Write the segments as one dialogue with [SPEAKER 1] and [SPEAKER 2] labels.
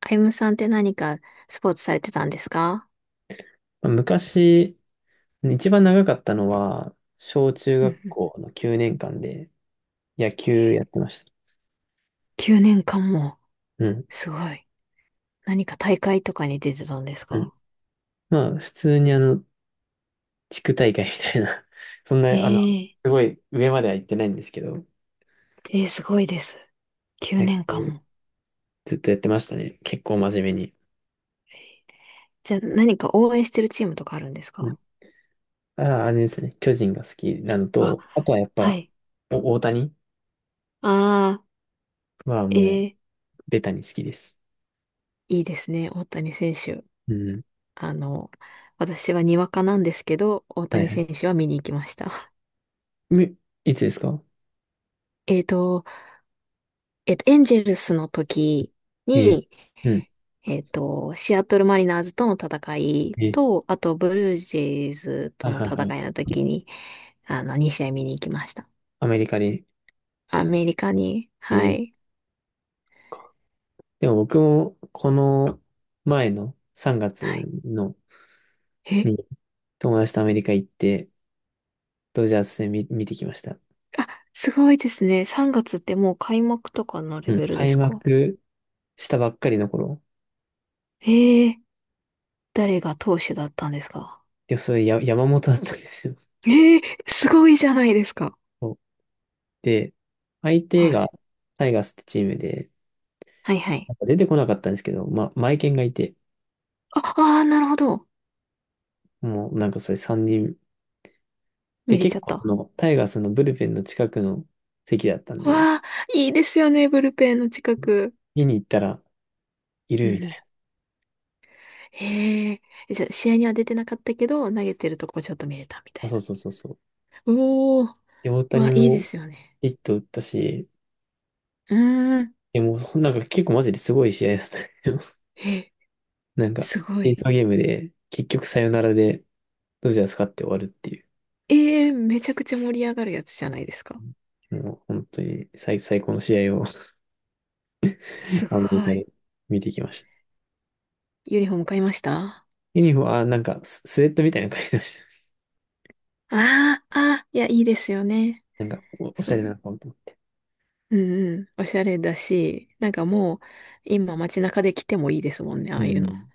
[SPEAKER 1] あゆむさんって何かスポーツされてたんですか。
[SPEAKER 2] 昔、一番長かったのは、小中
[SPEAKER 1] うん
[SPEAKER 2] 学
[SPEAKER 1] うん。
[SPEAKER 2] 校の9年間で野球やってました。
[SPEAKER 1] 9年間も。
[SPEAKER 2] うん。
[SPEAKER 1] すごい。何か大会とかに出てたんです
[SPEAKER 2] うん。
[SPEAKER 1] か。
[SPEAKER 2] まあ、普通に地区大会みたいな そん
[SPEAKER 1] え
[SPEAKER 2] な、す
[SPEAKER 1] え
[SPEAKER 2] ごい上までは行ってないんですけど、
[SPEAKER 1] ええすごいです。9
[SPEAKER 2] 野球
[SPEAKER 1] 年間も。
[SPEAKER 2] ずっとやってましたね。結構真面目に。
[SPEAKER 1] じゃあ何か応援してるチームとかあるんです
[SPEAKER 2] う
[SPEAKER 1] か。
[SPEAKER 2] ん。あ、あれですね。巨人が好きなの
[SPEAKER 1] あ、
[SPEAKER 2] と、あとはやっ
[SPEAKER 1] は
[SPEAKER 2] ぱ、
[SPEAKER 1] い。
[SPEAKER 2] 大谷
[SPEAKER 1] ああ、
[SPEAKER 2] は
[SPEAKER 1] え
[SPEAKER 2] もう、
[SPEAKER 1] え
[SPEAKER 2] ベタに好きです。
[SPEAKER 1] いいですね。大谷選手。
[SPEAKER 2] うん。
[SPEAKER 1] あの、私はにわかなんですけど、大
[SPEAKER 2] はい
[SPEAKER 1] 谷
[SPEAKER 2] はい。
[SPEAKER 1] 選手は見に行きました。
[SPEAKER 2] みいつですか？
[SPEAKER 1] えっと、エンジェルスの時
[SPEAKER 2] ええ。
[SPEAKER 1] に、
[SPEAKER 2] うん。
[SPEAKER 1] シアトルマリナーズとの戦い
[SPEAKER 2] ええ。
[SPEAKER 1] と、あとブルージェイズ
[SPEAKER 2] は
[SPEAKER 1] と
[SPEAKER 2] い
[SPEAKER 1] の
[SPEAKER 2] はいはい。
[SPEAKER 1] 戦いの時に、2試合見に行きました。
[SPEAKER 2] アメリカで。
[SPEAKER 1] アメリカに、は
[SPEAKER 2] ええ。
[SPEAKER 1] い。
[SPEAKER 2] でも僕も、この前の3
[SPEAKER 1] は
[SPEAKER 2] 月
[SPEAKER 1] い。
[SPEAKER 2] の
[SPEAKER 1] え、
[SPEAKER 2] に友達とアメリカ行って、ドジャース戦見てきました。
[SPEAKER 1] あ、すごいですね。3月ってもう開幕とかのレ
[SPEAKER 2] うん。
[SPEAKER 1] ベルで
[SPEAKER 2] 開
[SPEAKER 1] すか。
[SPEAKER 2] 幕したばっかりの頃。
[SPEAKER 1] ええ。誰が投手だったんですか。
[SPEAKER 2] で、それや山本だったんですよ。
[SPEAKER 1] ええすごいじゃないですか。
[SPEAKER 2] そう。で、相手
[SPEAKER 1] は
[SPEAKER 2] が
[SPEAKER 1] い。
[SPEAKER 2] タイガースってチームで、
[SPEAKER 1] はいは
[SPEAKER 2] な
[SPEAKER 1] い。
[SPEAKER 2] んか出てこなかったんですけど、まあ、マイケンがいて、
[SPEAKER 1] あ、ああ、なるほど。
[SPEAKER 2] もうなんかそれ3人。
[SPEAKER 1] 見
[SPEAKER 2] で、
[SPEAKER 1] れち
[SPEAKER 2] 結
[SPEAKER 1] ゃっ
[SPEAKER 2] 構そ
[SPEAKER 1] た。
[SPEAKER 2] のタイガースのブルペンの近くの席だったんで、
[SPEAKER 1] わあ、いいですよね、ブルペンの近く。
[SPEAKER 2] 見に行ったらい
[SPEAKER 1] うん
[SPEAKER 2] る
[SPEAKER 1] う
[SPEAKER 2] みた
[SPEAKER 1] ん。
[SPEAKER 2] い
[SPEAKER 1] へえ。え、じゃあ、試合には出てなかったけど、投げてるとこちょっと見えたみた
[SPEAKER 2] な。あ、
[SPEAKER 1] い
[SPEAKER 2] そう
[SPEAKER 1] な。
[SPEAKER 2] そうそうそう。
[SPEAKER 1] おー。
[SPEAKER 2] で、大
[SPEAKER 1] わ、
[SPEAKER 2] 谷
[SPEAKER 1] いいで
[SPEAKER 2] も
[SPEAKER 1] すよね。
[SPEAKER 2] ヒット打ったし、
[SPEAKER 1] うーん。
[SPEAKER 2] いやもうなんか結構マジですごい試合ですね。
[SPEAKER 1] え、
[SPEAKER 2] なんか、
[SPEAKER 1] すご
[SPEAKER 2] エーソ
[SPEAKER 1] い。
[SPEAKER 2] ーゲームで結局サヨナラでドジャース勝って終わるっていう、
[SPEAKER 1] ええ、めちゃくちゃ盛り上がるやつじゃないですか。
[SPEAKER 2] もう本当に最高の試合を
[SPEAKER 1] す
[SPEAKER 2] アメリカ
[SPEAKER 1] ごい。
[SPEAKER 2] で見てきました。
[SPEAKER 1] ユニフォーム買いましたあ。
[SPEAKER 2] ユニフォーム、あ、なんかスウェットみたいなの書いてまし
[SPEAKER 1] あ、あー、いや、いいですよね。
[SPEAKER 2] た。なんかおしゃ
[SPEAKER 1] そ
[SPEAKER 2] れな
[SPEAKER 1] の、
[SPEAKER 2] のかもと思っ
[SPEAKER 1] うんうん。おしゃれだし、なんかもう、今街中で着てもいいですもんね、あ
[SPEAKER 2] て。う
[SPEAKER 1] あいうの。
[SPEAKER 2] ん。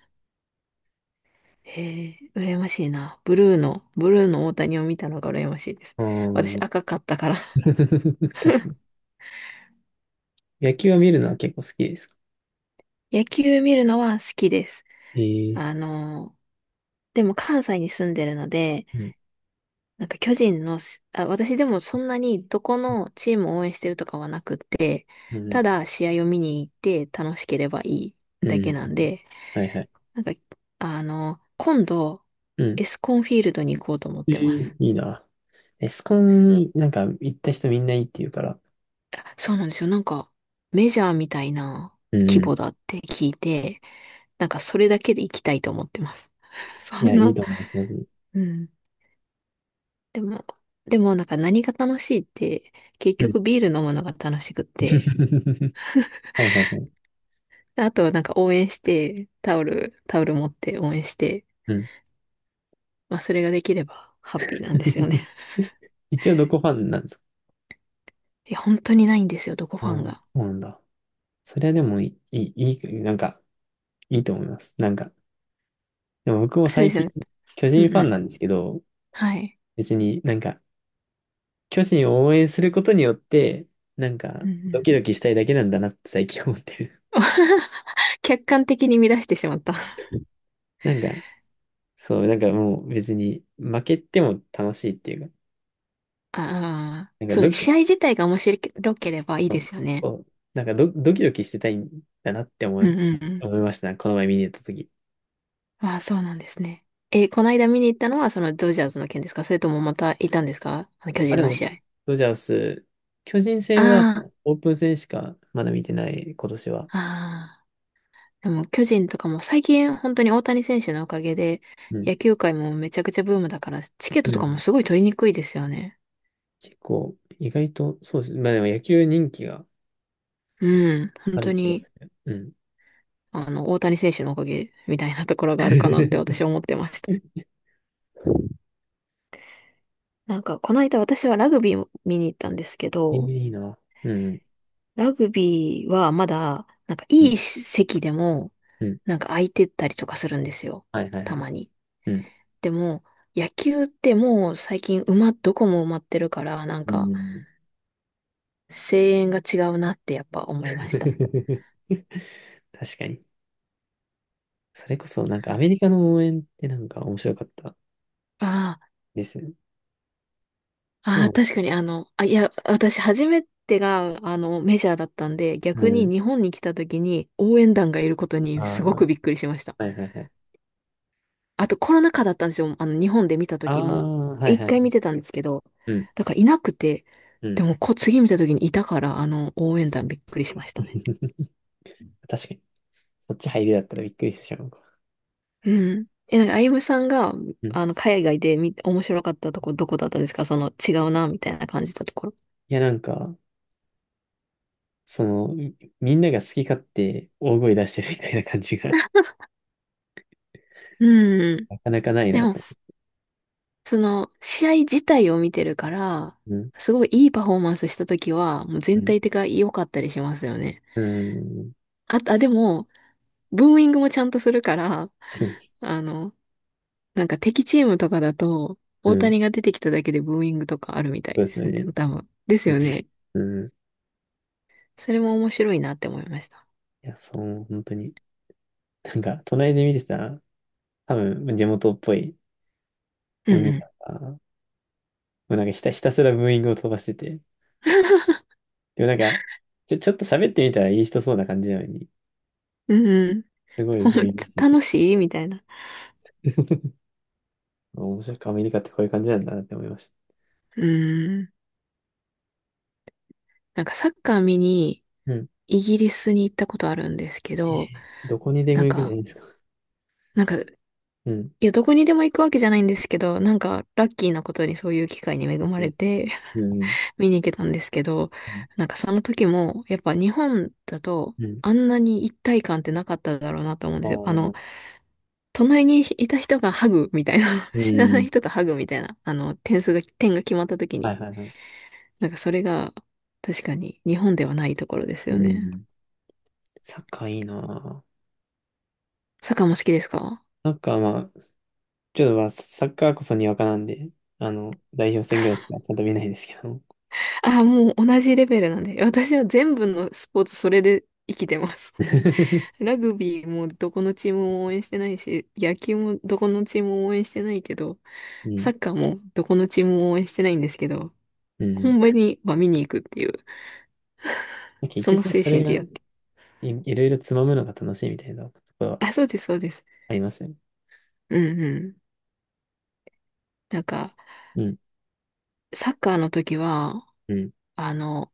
[SPEAKER 1] へえ、羨ましいな。ブルーの大谷を見たのが羨ましいです。
[SPEAKER 2] あ
[SPEAKER 1] 私
[SPEAKER 2] ー。
[SPEAKER 1] 赤かったから。
[SPEAKER 2] 確かに。野球は見るのは結構好きですか？
[SPEAKER 1] 野球見るのは好きです。
[SPEAKER 2] え
[SPEAKER 1] あ
[SPEAKER 2] え。
[SPEAKER 1] の、でも関西に住んでるので、
[SPEAKER 2] うん。
[SPEAKER 1] なんか巨人のし、あ、私でもそんなにどこのチームを応援してるとかはなくって、
[SPEAKER 2] うん。
[SPEAKER 1] ただ試合を見に行って楽しければいい
[SPEAKER 2] う
[SPEAKER 1] だけ
[SPEAKER 2] ん。
[SPEAKER 1] なんで、
[SPEAKER 2] はいはい。
[SPEAKER 1] なんか、今度、
[SPEAKER 2] うん。
[SPEAKER 1] エスコンフィールドに行こうと思っ
[SPEAKER 2] え
[SPEAKER 1] て
[SPEAKER 2] え、
[SPEAKER 1] ます。
[SPEAKER 2] いいな。エスコン、なんか行った人みんないいって言うから。
[SPEAKER 1] あ、そうなんですよ。なんか、メジャーみたいな
[SPEAKER 2] うん
[SPEAKER 1] 規模
[SPEAKER 2] う
[SPEAKER 1] だって聞いて、なんかそれだけで行きたいと思ってます。そ
[SPEAKER 2] ん。い
[SPEAKER 1] ん
[SPEAKER 2] や、いい
[SPEAKER 1] な、
[SPEAKER 2] と思います、まず。
[SPEAKER 1] うん。でも、でもなんか何が楽しいって、結
[SPEAKER 2] うん。
[SPEAKER 1] 局ビール飲むのが楽しくって、
[SPEAKER 2] はいはいはい。
[SPEAKER 1] あとはなんか応援して、タオル持って応援して、
[SPEAKER 2] うん。
[SPEAKER 1] まあそれができればハッピーなんですよね。
[SPEAKER 2] 一応どこファンなんですか？
[SPEAKER 1] いや、本当にないんですよ、どこ
[SPEAKER 2] あ、
[SPEAKER 1] ファン
[SPEAKER 2] そ
[SPEAKER 1] が。
[SPEAKER 2] うなんだ。それはでもいい、いい、いいなんか、いいと思います。なんか、でも僕も
[SPEAKER 1] そうで
[SPEAKER 2] 最
[SPEAKER 1] す
[SPEAKER 2] 近、
[SPEAKER 1] よね。
[SPEAKER 2] 巨人
[SPEAKER 1] うん
[SPEAKER 2] フ
[SPEAKER 1] う
[SPEAKER 2] ァン
[SPEAKER 1] ん。
[SPEAKER 2] なんですけど、
[SPEAKER 1] はい。
[SPEAKER 2] 別になんか、巨人を応援することによって、なん
[SPEAKER 1] う
[SPEAKER 2] か、
[SPEAKER 1] んう
[SPEAKER 2] ド
[SPEAKER 1] ん。
[SPEAKER 2] キドキしたいだけなんだなって最近思ってる。
[SPEAKER 1] 客観的に乱してしまった。
[SPEAKER 2] なんか、そう、なんかもう別に、負けても楽しいっていうか、
[SPEAKER 1] ああ、
[SPEAKER 2] なんか
[SPEAKER 1] そう、
[SPEAKER 2] ドキ、
[SPEAKER 1] 試合自体が面白ければいい
[SPEAKER 2] そ
[SPEAKER 1] で
[SPEAKER 2] う
[SPEAKER 1] すよね。
[SPEAKER 2] そう。なんかドキドキしてたいんだなって思
[SPEAKER 1] うん
[SPEAKER 2] う、
[SPEAKER 1] うんうん。
[SPEAKER 2] 思いました。この前見に行った時。
[SPEAKER 1] ああ、そうなんですね。え、この間見に行ったのはそのドジャースの件ですか。それともまたいたんですか、あの巨
[SPEAKER 2] あ、
[SPEAKER 1] 人
[SPEAKER 2] で
[SPEAKER 1] の
[SPEAKER 2] も、
[SPEAKER 1] 試合。
[SPEAKER 2] ドジャース、巨人戦は
[SPEAKER 1] あ
[SPEAKER 2] オープン戦しかまだ見てない、今年は。
[SPEAKER 1] あ、ああ。でも巨人とかも最近本当に大谷選手のおかげで
[SPEAKER 2] うん。
[SPEAKER 1] 野球界もめちゃくちゃブームだからチケッ
[SPEAKER 2] う
[SPEAKER 1] トとかも
[SPEAKER 2] ん。
[SPEAKER 1] すごい取りにくいですよね。
[SPEAKER 2] 結構、意外と、そうです。まあでも野球人気が
[SPEAKER 1] うん。本
[SPEAKER 2] あ
[SPEAKER 1] 当
[SPEAKER 2] る気が
[SPEAKER 1] に
[SPEAKER 2] する。うん。
[SPEAKER 1] あの大谷選手のおかげみたいなところがあるかなって私 は思ってました。なんかこの間私はラグビーを見に行ったんですけ
[SPEAKER 2] えー、
[SPEAKER 1] ど、
[SPEAKER 2] いいな。うん。
[SPEAKER 1] ラグビーはまだなんか
[SPEAKER 2] う
[SPEAKER 1] い
[SPEAKER 2] ん。
[SPEAKER 1] い席でも
[SPEAKER 2] うん。
[SPEAKER 1] なんか空いてったりとかするんですよ。
[SPEAKER 2] はいはいは
[SPEAKER 1] た
[SPEAKER 2] い。
[SPEAKER 1] まに。
[SPEAKER 2] うん。
[SPEAKER 1] でも、野球ってもう最近どこも埋まってるから、なん
[SPEAKER 2] う
[SPEAKER 1] か
[SPEAKER 2] ん。
[SPEAKER 1] 声援が違うなってやっぱ思いました。
[SPEAKER 2] 確かに。それこそ、なんかアメリカの応援ってなんか面白かった
[SPEAKER 1] あ
[SPEAKER 2] ですね。
[SPEAKER 1] あ、あ
[SPEAKER 2] ど
[SPEAKER 1] あ、
[SPEAKER 2] う
[SPEAKER 1] 確かにあ、いや、私初めてがあのメジャーだったんで、
[SPEAKER 2] う
[SPEAKER 1] 逆に
[SPEAKER 2] ん。
[SPEAKER 1] 日本に来た時に応援団がいることに
[SPEAKER 2] あ
[SPEAKER 1] すご
[SPEAKER 2] あ、
[SPEAKER 1] くびっくりしました。
[SPEAKER 2] はいはいはい。
[SPEAKER 1] あとコロナ禍だったんですよ。日本で見た
[SPEAKER 2] ああ、
[SPEAKER 1] 時も。
[SPEAKER 2] はい
[SPEAKER 1] 一
[SPEAKER 2] はいは
[SPEAKER 1] 回見
[SPEAKER 2] い。
[SPEAKER 1] てたんですけど、
[SPEAKER 2] うん、
[SPEAKER 1] だからいなくて、
[SPEAKER 2] う
[SPEAKER 1] で
[SPEAKER 2] ん。
[SPEAKER 1] も次見た時にいたから、応援団びっくりしましたね。
[SPEAKER 2] 確かに。そっち入りだったらびっくりしてしまうか。
[SPEAKER 1] うん。え、なんか、あゆむさんが、
[SPEAKER 2] うん。い
[SPEAKER 1] 海外で面白かったとこ、どこだったですか。その、違うな、みたいな感じたところ。
[SPEAKER 2] や、なんか、その、みんなが好き勝手大声出してるみたいな感じが
[SPEAKER 1] う ん。
[SPEAKER 2] なかなかない
[SPEAKER 1] で
[SPEAKER 2] な
[SPEAKER 1] も、
[SPEAKER 2] と。
[SPEAKER 1] 試合自体を見てるから、
[SPEAKER 2] うん、
[SPEAKER 1] すごいいいパフォーマンスした時は、もう
[SPEAKER 2] う
[SPEAKER 1] 全
[SPEAKER 2] ん、
[SPEAKER 1] 体的が良かったりしますよね。
[SPEAKER 2] うん、
[SPEAKER 1] あ、あ、でも、ブーイングもちゃんとするから、あの、なんか敵チームとかだと、
[SPEAKER 2] う
[SPEAKER 1] 大
[SPEAKER 2] ん、
[SPEAKER 1] 谷が出てきただけでブーイングとかあるみた
[SPEAKER 2] そ
[SPEAKER 1] い
[SPEAKER 2] うで
[SPEAKER 1] で
[SPEAKER 2] す
[SPEAKER 1] すね。
[SPEAKER 2] ね。
[SPEAKER 1] 多分。です
[SPEAKER 2] う
[SPEAKER 1] よね。
[SPEAKER 2] ん、うん。
[SPEAKER 1] それも面白いなって思いました。
[SPEAKER 2] いや、そう、本当に。なんか、隣で見てた、多分、地元っぽい
[SPEAKER 1] う
[SPEAKER 2] お
[SPEAKER 1] ん
[SPEAKER 2] 兄
[SPEAKER 1] う
[SPEAKER 2] さんが、もうなんかひたすらブーイングを飛ばしてて、でもなんか、ちょっと喋ってみたらいい人そうな感じなのに、
[SPEAKER 1] ん。うんうん。
[SPEAKER 2] すご い
[SPEAKER 1] ほん
[SPEAKER 2] VC。
[SPEAKER 1] 楽しいみたいな。
[SPEAKER 2] 面白く、アメリカってこういう感じなんだなって思いました。
[SPEAKER 1] うん。なんかサッカー見に
[SPEAKER 2] うん。
[SPEAKER 1] イギリスに行ったことあるんですけ
[SPEAKER 2] えー、
[SPEAKER 1] ど、
[SPEAKER 2] どこにで
[SPEAKER 1] な
[SPEAKER 2] も
[SPEAKER 1] ん
[SPEAKER 2] 行くじゃな
[SPEAKER 1] か、
[SPEAKER 2] いですか。
[SPEAKER 1] なんか、
[SPEAKER 2] うん。
[SPEAKER 1] いや、どこにでも行くわけじゃないんですけど、なんか、ラッキーなことにそういう機会に恵ま
[SPEAKER 2] え、
[SPEAKER 1] れて、
[SPEAKER 2] うん。
[SPEAKER 1] 見に行けたんですけど、
[SPEAKER 2] うん。
[SPEAKER 1] なんかその時も、やっぱ日本だと、
[SPEAKER 2] うん。
[SPEAKER 1] あんなに一体感ってなかっただろうなと思うんで
[SPEAKER 2] あ
[SPEAKER 1] すよ。
[SPEAKER 2] ー。
[SPEAKER 1] 隣にいた人がハグみたいな、
[SPEAKER 2] う
[SPEAKER 1] 知らな
[SPEAKER 2] ん。
[SPEAKER 1] い人とハグみたいな、点が決まった時
[SPEAKER 2] は
[SPEAKER 1] に、
[SPEAKER 2] いはいはい。
[SPEAKER 1] なんかそれが、確かに日本ではないところです
[SPEAKER 2] う
[SPEAKER 1] よね。
[SPEAKER 2] ん。サッカーいいなぁ。
[SPEAKER 1] サッカーも好きですか。
[SPEAKER 2] サッカーまあ、ちょっとまあ、サッカーこそにわかなんで、あの、代表戦ぐらいしかちゃんと見ないですけど。
[SPEAKER 1] ああ、もう同じレベルなんで、私は全部のスポーツそれで生きてます。ラグビーもどこのチームも応援してないし、野球もどこのチームも応援してないけど、
[SPEAKER 2] うん。
[SPEAKER 1] サッカーもどこのチームも応援してないんですけど、
[SPEAKER 2] うん。
[SPEAKER 1] 本場には見に行くっていう、
[SPEAKER 2] 結
[SPEAKER 1] その
[SPEAKER 2] 局、
[SPEAKER 1] 精
[SPEAKER 2] それ
[SPEAKER 1] 神
[SPEAKER 2] が
[SPEAKER 1] でやっ
[SPEAKER 2] い、
[SPEAKER 1] て。
[SPEAKER 2] いろいろつまむのが楽しいみたいなところは
[SPEAKER 1] あ、そうです、そうです。
[SPEAKER 2] ありますよね。
[SPEAKER 1] うんうん。なんか、
[SPEAKER 2] うん。
[SPEAKER 1] サッカーの時は、
[SPEAKER 2] うん。
[SPEAKER 1] あの、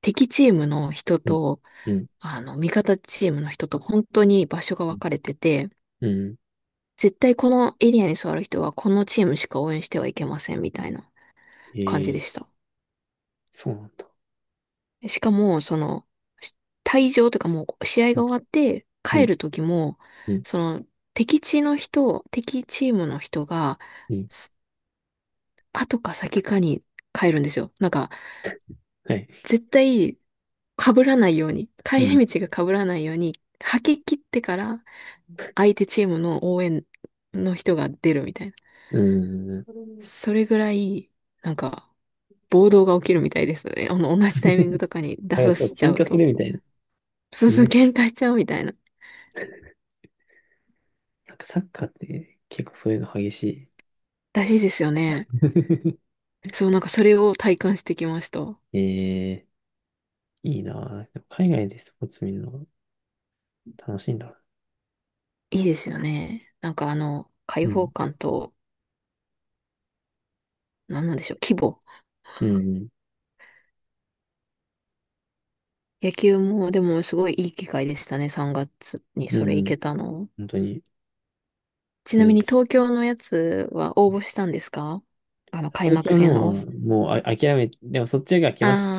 [SPEAKER 1] 敵チームの人
[SPEAKER 2] うん。
[SPEAKER 1] と、
[SPEAKER 2] うん。
[SPEAKER 1] 味方チームの人と本当に場所が
[SPEAKER 2] う
[SPEAKER 1] 分
[SPEAKER 2] ん。
[SPEAKER 1] かれてて、
[SPEAKER 2] うん。
[SPEAKER 1] 絶対このエリアに座る人はこのチームしか応援してはいけませんみたいな感じで
[SPEAKER 2] え
[SPEAKER 1] し
[SPEAKER 2] ー、
[SPEAKER 1] た。
[SPEAKER 2] そうなんだ。
[SPEAKER 1] しかも、し退場というかもう試合
[SPEAKER 2] う
[SPEAKER 1] が
[SPEAKER 2] ん、
[SPEAKER 1] 終わって帰る時も、
[SPEAKER 2] うん、
[SPEAKER 1] その、敵チームの人が、
[SPEAKER 2] うん。
[SPEAKER 1] 後か先かに帰るんですよ。なんか、
[SPEAKER 2] はい。
[SPEAKER 1] 絶対被らないように、帰
[SPEAKER 2] うん。
[SPEAKER 1] り道が被らないように、吐き切ってから相手チームの応援の人が出るみたいな。うん。
[SPEAKER 2] うん。
[SPEAKER 1] それぐらい、なんか、暴動が起きるみたいですね。同じタイミング とかに出
[SPEAKER 2] あれ、
[SPEAKER 1] さ
[SPEAKER 2] そ
[SPEAKER 1] せ
[SPEAKER 2] う、
[SPEAKER 1] ちゃ
[SPEAKER 2] 喧
[SPEAKER 1] う
[SPEAKER 2] 嘩す
[SPEAKER 1] と。
[SPEAKER 2] るみたいな。
[SPEAKER 1] そうそう、
[SPEAKER 2] 今、
[SPEAKER 1] 喧嘩しちゃうみたいな。
[SPEAKER 2] なんかサッカーって結構そういうの激しい。
[SPEAKER 1] らしいですよね。そう、なんかそれを体感してきました。
[SPEAKER 2] えー、いいなぁ。でも海外でスポーツ見るのが楽しいんだ。
[SPEAKER 1] いいですよね。開
[SPEAKER 2] う
[SPEAKER 1] 放
[SPEAKER 2] ん。
[SPEAKER 1] 感と、なんなんでしょう、規模。
[SPEAKER 2] うん。
[SPEAKER 1] 野球も、でもすごいいい機会でしたね、3月に
[SPEAKER 2] う
[SPEAKER 1] それ
[SPEAKER 2] ん。う
[SPEAKER 1] 行
[SPEAKER 2] ん、
[SPEAKER 1] けたの。
[SPEAKER 2] 本当に。
[SPEAKER 1] ち
[SPEAKER 2] 初
[SPEAKER 1] な
[SPEAKER 2] め
[SPEAKER 1] みに
[SPEAKER 2] て
[SPEAKER 1] 東京のやつは応募したんですか。開
[SPEAKER 2] 東
[SPEAKER 1] 幕
[SPEAKER 2] 京
[SPEAKER 1] 戦の大
[SPEAKER 2] のは
[SPEAKER 1] 阪、
[SPEAKER 2] もうあ諦め、でもそっちが決
[SPEAKER 1] あ
[SPEAKER 2] まってた、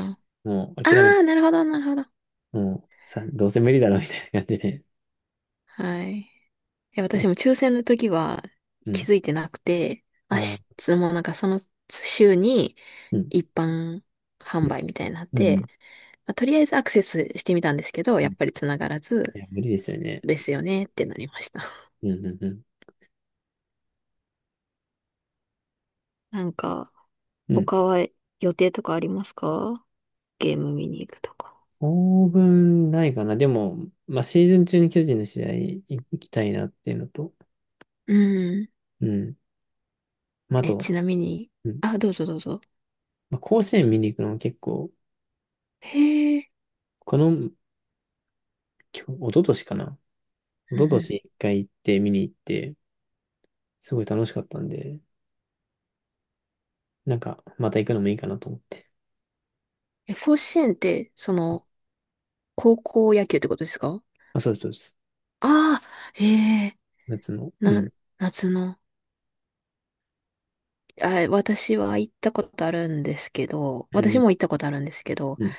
[SPEAKER 2] もう
[SPEAKER 1] あ、あ
[SPEAKER 2] 諦め、
[SPEAKER 1] あ、なるほど、なるほど。
[SPEAKER 2] もうさ、どうせ無理だろうみたいな感じで。
[SPEAKER 1] はい。いや、私も抽選の時は
[SPEAKER 2] う
[SPEAKER 1] 気
[SPEAKER 2] ん。
[SPEAKER 1] づいてなくて、明
[SPEAKER 2] ああ、
[SPEAKER 1] 日もうなんかその週に
[SPEAKER 2] うん。
[SPEAKER 1] 一般販売みたいになっ
[SPEAKER 2] う
[SPEAKER 1] て、
[SPEAKER 2] ん。
[SPEAKER 1] まあとりあえずアクセスしてみたんですけど、
[SPEAKER 2] う
[SPEAKER 1] やっ
[SPEAKER 2] ん。
[SPEAKER 1] ぱり繋がらず、
[SPEAKER 2] いや、無理ですよね。
[SPEAKER 1] ですよねってなりました。
[SPEAKER 2] うん。うん。うん。
[SPEAKER 1] なんか、
[SPEAKER 2] うん、
[SPEAKER 1] 他は予定とかありますか。ゲーム見に行くとか。
[SPEAKER 2] 当分ないかな。でも、まあ、シーズン中に巨人の試合行きたいなっていうのと、
[SPEAKER 1] うん。
[SPEAKER 2] うん。まあ、あ
[SPEAKER 1] え、
[SPEAKER 2] と、
[SPEAKER 1] ちなみに、
[SPEAKER 2] うん。
[SPEAKER 1] あ、どうぞどうぞ。
[SPEAKER 2] まあ、甲子園見に行くのも結構、
[SPEAKER 1] へえ。
[SPEAKER 2] この、一昨年かな。一
[SPEAKER 1] うん
[SPEAKER 2] 昨年
[SPEAKER 1] う
[SPEAKER 2] 一回行って見に行って、すごい楽しかったんで、なんか、また行くのもいいかなと思って。
[SPEAKER 1] ん。え、甲子園って、その、高校野球ってことですか。
[SPEAKER 2] あ、そうです、そうです。
[SPEAKER 1] ああー、ええ、
[SPEAKER 2] 夏の。う
[SPEAKER 1] な、
[SPEAKER 2] ん。
[SPEAKER 1] 夏の。あ、私は行ったことあるんですけど、
[SPEAKER 2] う
[SPEAKER 1] 私
[SPEAKER 2] ん。
[SPEAKER 1] も行ったことあるんですけど、
[SPEAKER 2] うん。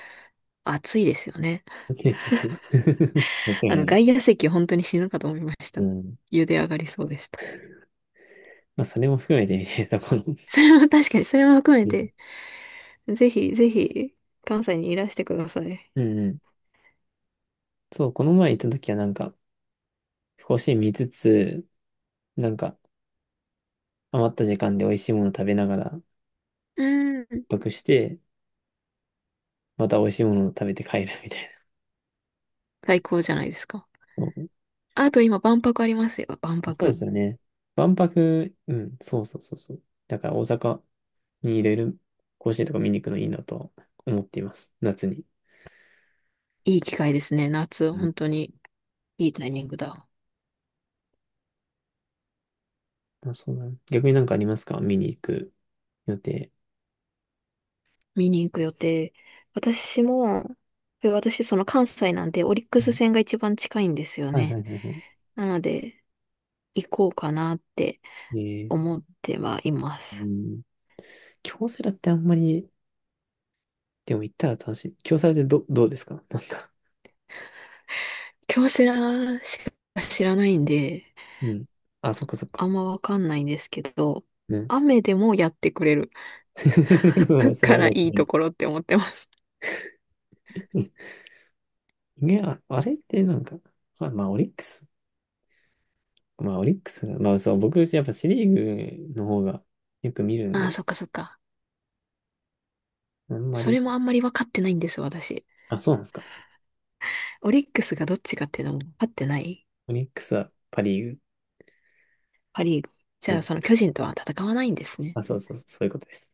[SPEAKER 1] 暑いですよね。
[SPEAKER 2] 暑いですね。間違いない。
[SPEAKER 1] 外野席本当に死ぬかと思いまし
[SPEAKER 2] う
[SPEAKER 1] た。
[SPEAKER 2] ん。
[SPEAKER 1] 茹で上がりそうでした。
[SPEAKER 2] まあ、それも含めてみたいなところ。
[SPEAKER 1] それも確かに、それも含め
[SPEAKER 2] うん。
[SPEAKER 1] て、ぜひぜひ、関西にいらしてください。
[SPEAKER 2] うんうん。そう、この前行った時はなんか、甲子園見つつ、なんか、余った時間で美味しいもの食べながら、万
[SPEAKER 1] うん。
[SPEAKER 2] 泊して、また美味しいものを食べて帰るみたいな。
[SPEAKER 1] 最高じゃないですか。
[SPEAKER 2] そう。
[SPEAKER 1] あと今、万博ありますよ。万
[SPEAKER 2] そうで
[SPEAKER 1] 博。
[SPEAKER 2] すよね。万博、うん、そうそうそうそう。だから大阪にいろいろ甲子園とか見に行くのいいなと思っています。夏に。
[SPEAKER 1] いい機会ですね。夏、
[SPEAKER 2] うん、
[SPEAKER 1] 本当にいいタイミングだ。
[SPEAKER 2] あ、そうだね。逆になんかありますか、見に行く予定？
[SPEAKER 1] 見に行く予定。私も、え私、その関西なんで、オリック
[SPEAKER 2] う
[SPEAKER 1] ス
[SPEAKER 2] ん。
[SPEAKER 1] 戦が一番近いんですよ
[SPEAKER 2] はいは
[SPEAKER 1] ね。
[SPEAKER 2] いはいは
[SPEAKER 1] なので、行こうかなって
[SPEAKER 2] い。えー、
[SPEAKER 1] 思ってはいま
[SPEAKER 2] う
[SPEAKER 1] す。
[SPEAKER 2] ん。京セラってあんまり、でも行ったら楽しい。京セラってどうですかなんか？
[SPEAKER 1] 京セラしか知らないんで、
[SPEAKER 2] うん。あ、そっかそっ
[SPEAKER 1] あ
[SPEAKER 2] か。
[SPEAKER 1] んまわかんないんですけど、
[SPEAKER 2] ね。
[SPEAKER 1] 雨でもやってくれる
[SPEAKER 2] それ
[SPEAKER 1] か
[SPEAKER 2] は
[SPEAKER 1] ら
[SPEAKER 2] まと
[SPEAKER 1] いい
[SPEAKER 2] め
[SPEAKER 1] と
[SPEAKER 2] る。
[SPEAKER 1] ころって思ってます。
[SPEAKER 2] いや、あれってなんか、まあ、まあオリックス。まあ、オリックスが、まあ、そう、僕、やっぱセリーグの方がよく見るん
[SPEAKER 1] ああ、
[SPEAKER 2] で、
[SPEAKER 1] そっかそっか。
[SPEAKER 2] あんま
[SPEAKER 1] そ
[SPEAKER 2] り、
[SPEAKER 1] れもあんまり分かってないんです、私。
[SPEAKER 2] あ、そうなんですか。
[SPEAKER 1] オリックスがどっちかっていうのも分かってない。
[SPEAKER 2] オリックスはパリー
[SPEAKER 1] パリーグ。じ
[SPEAKER 2] グ。う
[SPEAKER 1] ゃあ、
[SPEAKER 2] ん。
[SPEAKER 1] その巨人とは戦わないんですね。
[SPEAKER 2] あ、そうそうそう、そういうことです。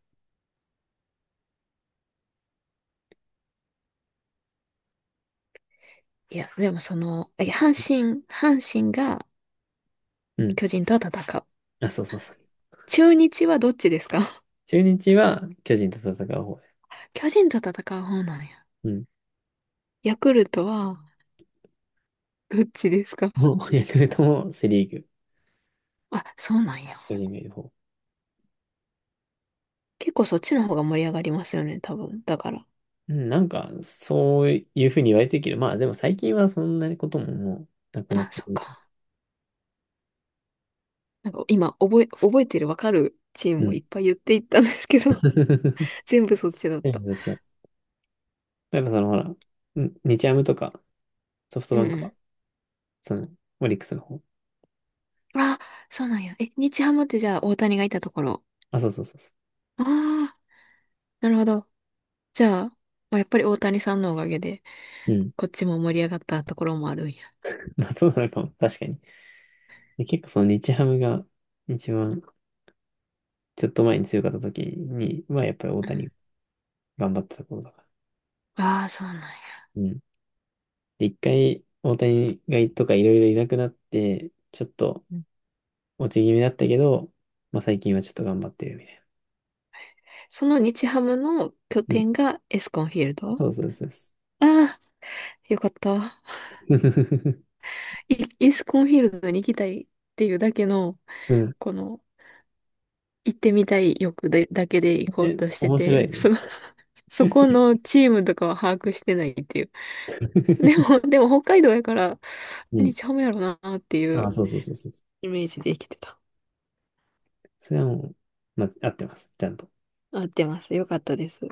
[SPEAKER 1] いや、でもその、え阪神、阪神が
[SPEAKER 2] うん。
[SPEAKER 1] 巨人とは戦う。
[SPEAKER 2] あ、そうそうそう。
[SPEAKER 1] 中日はどっちですか。
[SPEAKER 2] 中日は巨人と戦う方です。
[SPEAKER 1] 巨人と戦う方なんや。
[SPEAKER 2] うん。
[SPEAKER 1] ヤクルトはどっちですか。
[SPEAKER 2] もう、ヤクルトもセリーグ、
[SPEAKER 1] あ、そうなんや。
[SPEAKER 2] 巨人がいる方。
[SPEAKER 1] 結構そっちの方が盛り上がりますよね、多分。だから。
[SPEAKER 2] うん、なんか、そういうふうに言われてるけど、まあ、でも最近はそんなことももうなくなっ
[SPEAKER 1] あ、
[SPEAKER 2] て
[SPEAKER 1] そ
[SPEAKER 2] く
[SPEAKER 1] っ
[SPEAKER 2] る
[SPEAKER 1] か。
[SPEAKER 2] い。
[SPEAKER 1] なんか今、覚えてるわかるチー
[SPEAKER 2] う
[SPEAKER 1] ムを
[SPEAKER 2] ん。
[SPEAKER 1] いっぱい言っていったんですけど、全部そっちだった。
[SPEAKER 2] どっちや。やっぱその、ほら、うん、日ハムとか、ソフト
[SPEAKER 1] う
[SPEAKER 2] バ
[SPEAKER 1] んう
[SPEAKER 2] ンクは、
[SPEAKER 1] ん。
[SPEAKER 2] その、オリックスの方。
[SPEAKER 1] あ、そうなんや。え、日ハムってじゃあ大谷がいたところ。
[SPEAKER 2] あ、そうそうそうそ
[SPEAKER 1] ああ、なるほど。じゃあ、まあ、やっぱり大谷さんのおかげで、
[SPEAKER 2] う。うん。
[SPEAKER 1] こっちも盛り上がったところもあるんや。
[SPEAKER 2] まあ、そうなのかも。確かに。で、結構その日ハムが一番ちょっと前に強かった時には、やっぱり大
[SPEAKER 1] うん。
[SPEAKER 2] 谷頑張ってた頃だから。
[SPEAKER 1] ああ、そうなんや。
[SPEAKER 2] うん。で、一回大谷がいとかいろいろいなくなって、ちょっと
[SPEAKER 1] うん。
[SPEAKER 2] 落ち気味だったけど、まあ最近はちょっと頑張ってるみたい
[SPEAKER 1] その日ハムの拠
[SPEAKER 2] な。うん。
[SPEAKER 1] 点がエスコンフィール
[SPEAKER 2] あ、
[SPEAKER 1] ド。あ
[SPEAKER 2] そうそうそうそう。
[SPEAKER 1] あ、よかった。イイスコンフィールドに行きたいっていうだけの、
[SPEAKER 2] うん。
[SPEAKER 1] この、行ってみたい欲で、だけで行 こう
[SPEAKER 2] え、
[SPEAKER 1] として
[SPEAKER 2] 面白い
[SPEAKER 1] て、
[SPEAKER 2] ね。
[SPEAKER 1] その、そこのチームとかは把握してないっていう。でも、でも北海道やから、
[SPEAKER 2] う
[SPEAKER 1] 何
[SPEAKER 2] ん。
[SPEAKER 1] ちゃうやろなって い
[SPEAKER 2] あ、
[SPEAKER 1] う
[SPEAKER 2] そうそうそうそう。
[SPEAKER 1] イメージで生きてた。
[SPEAKER 2] それはもう、まあ、合ってます。ちゃんと。
[SPEAKER 1] 合ってます。よかったです。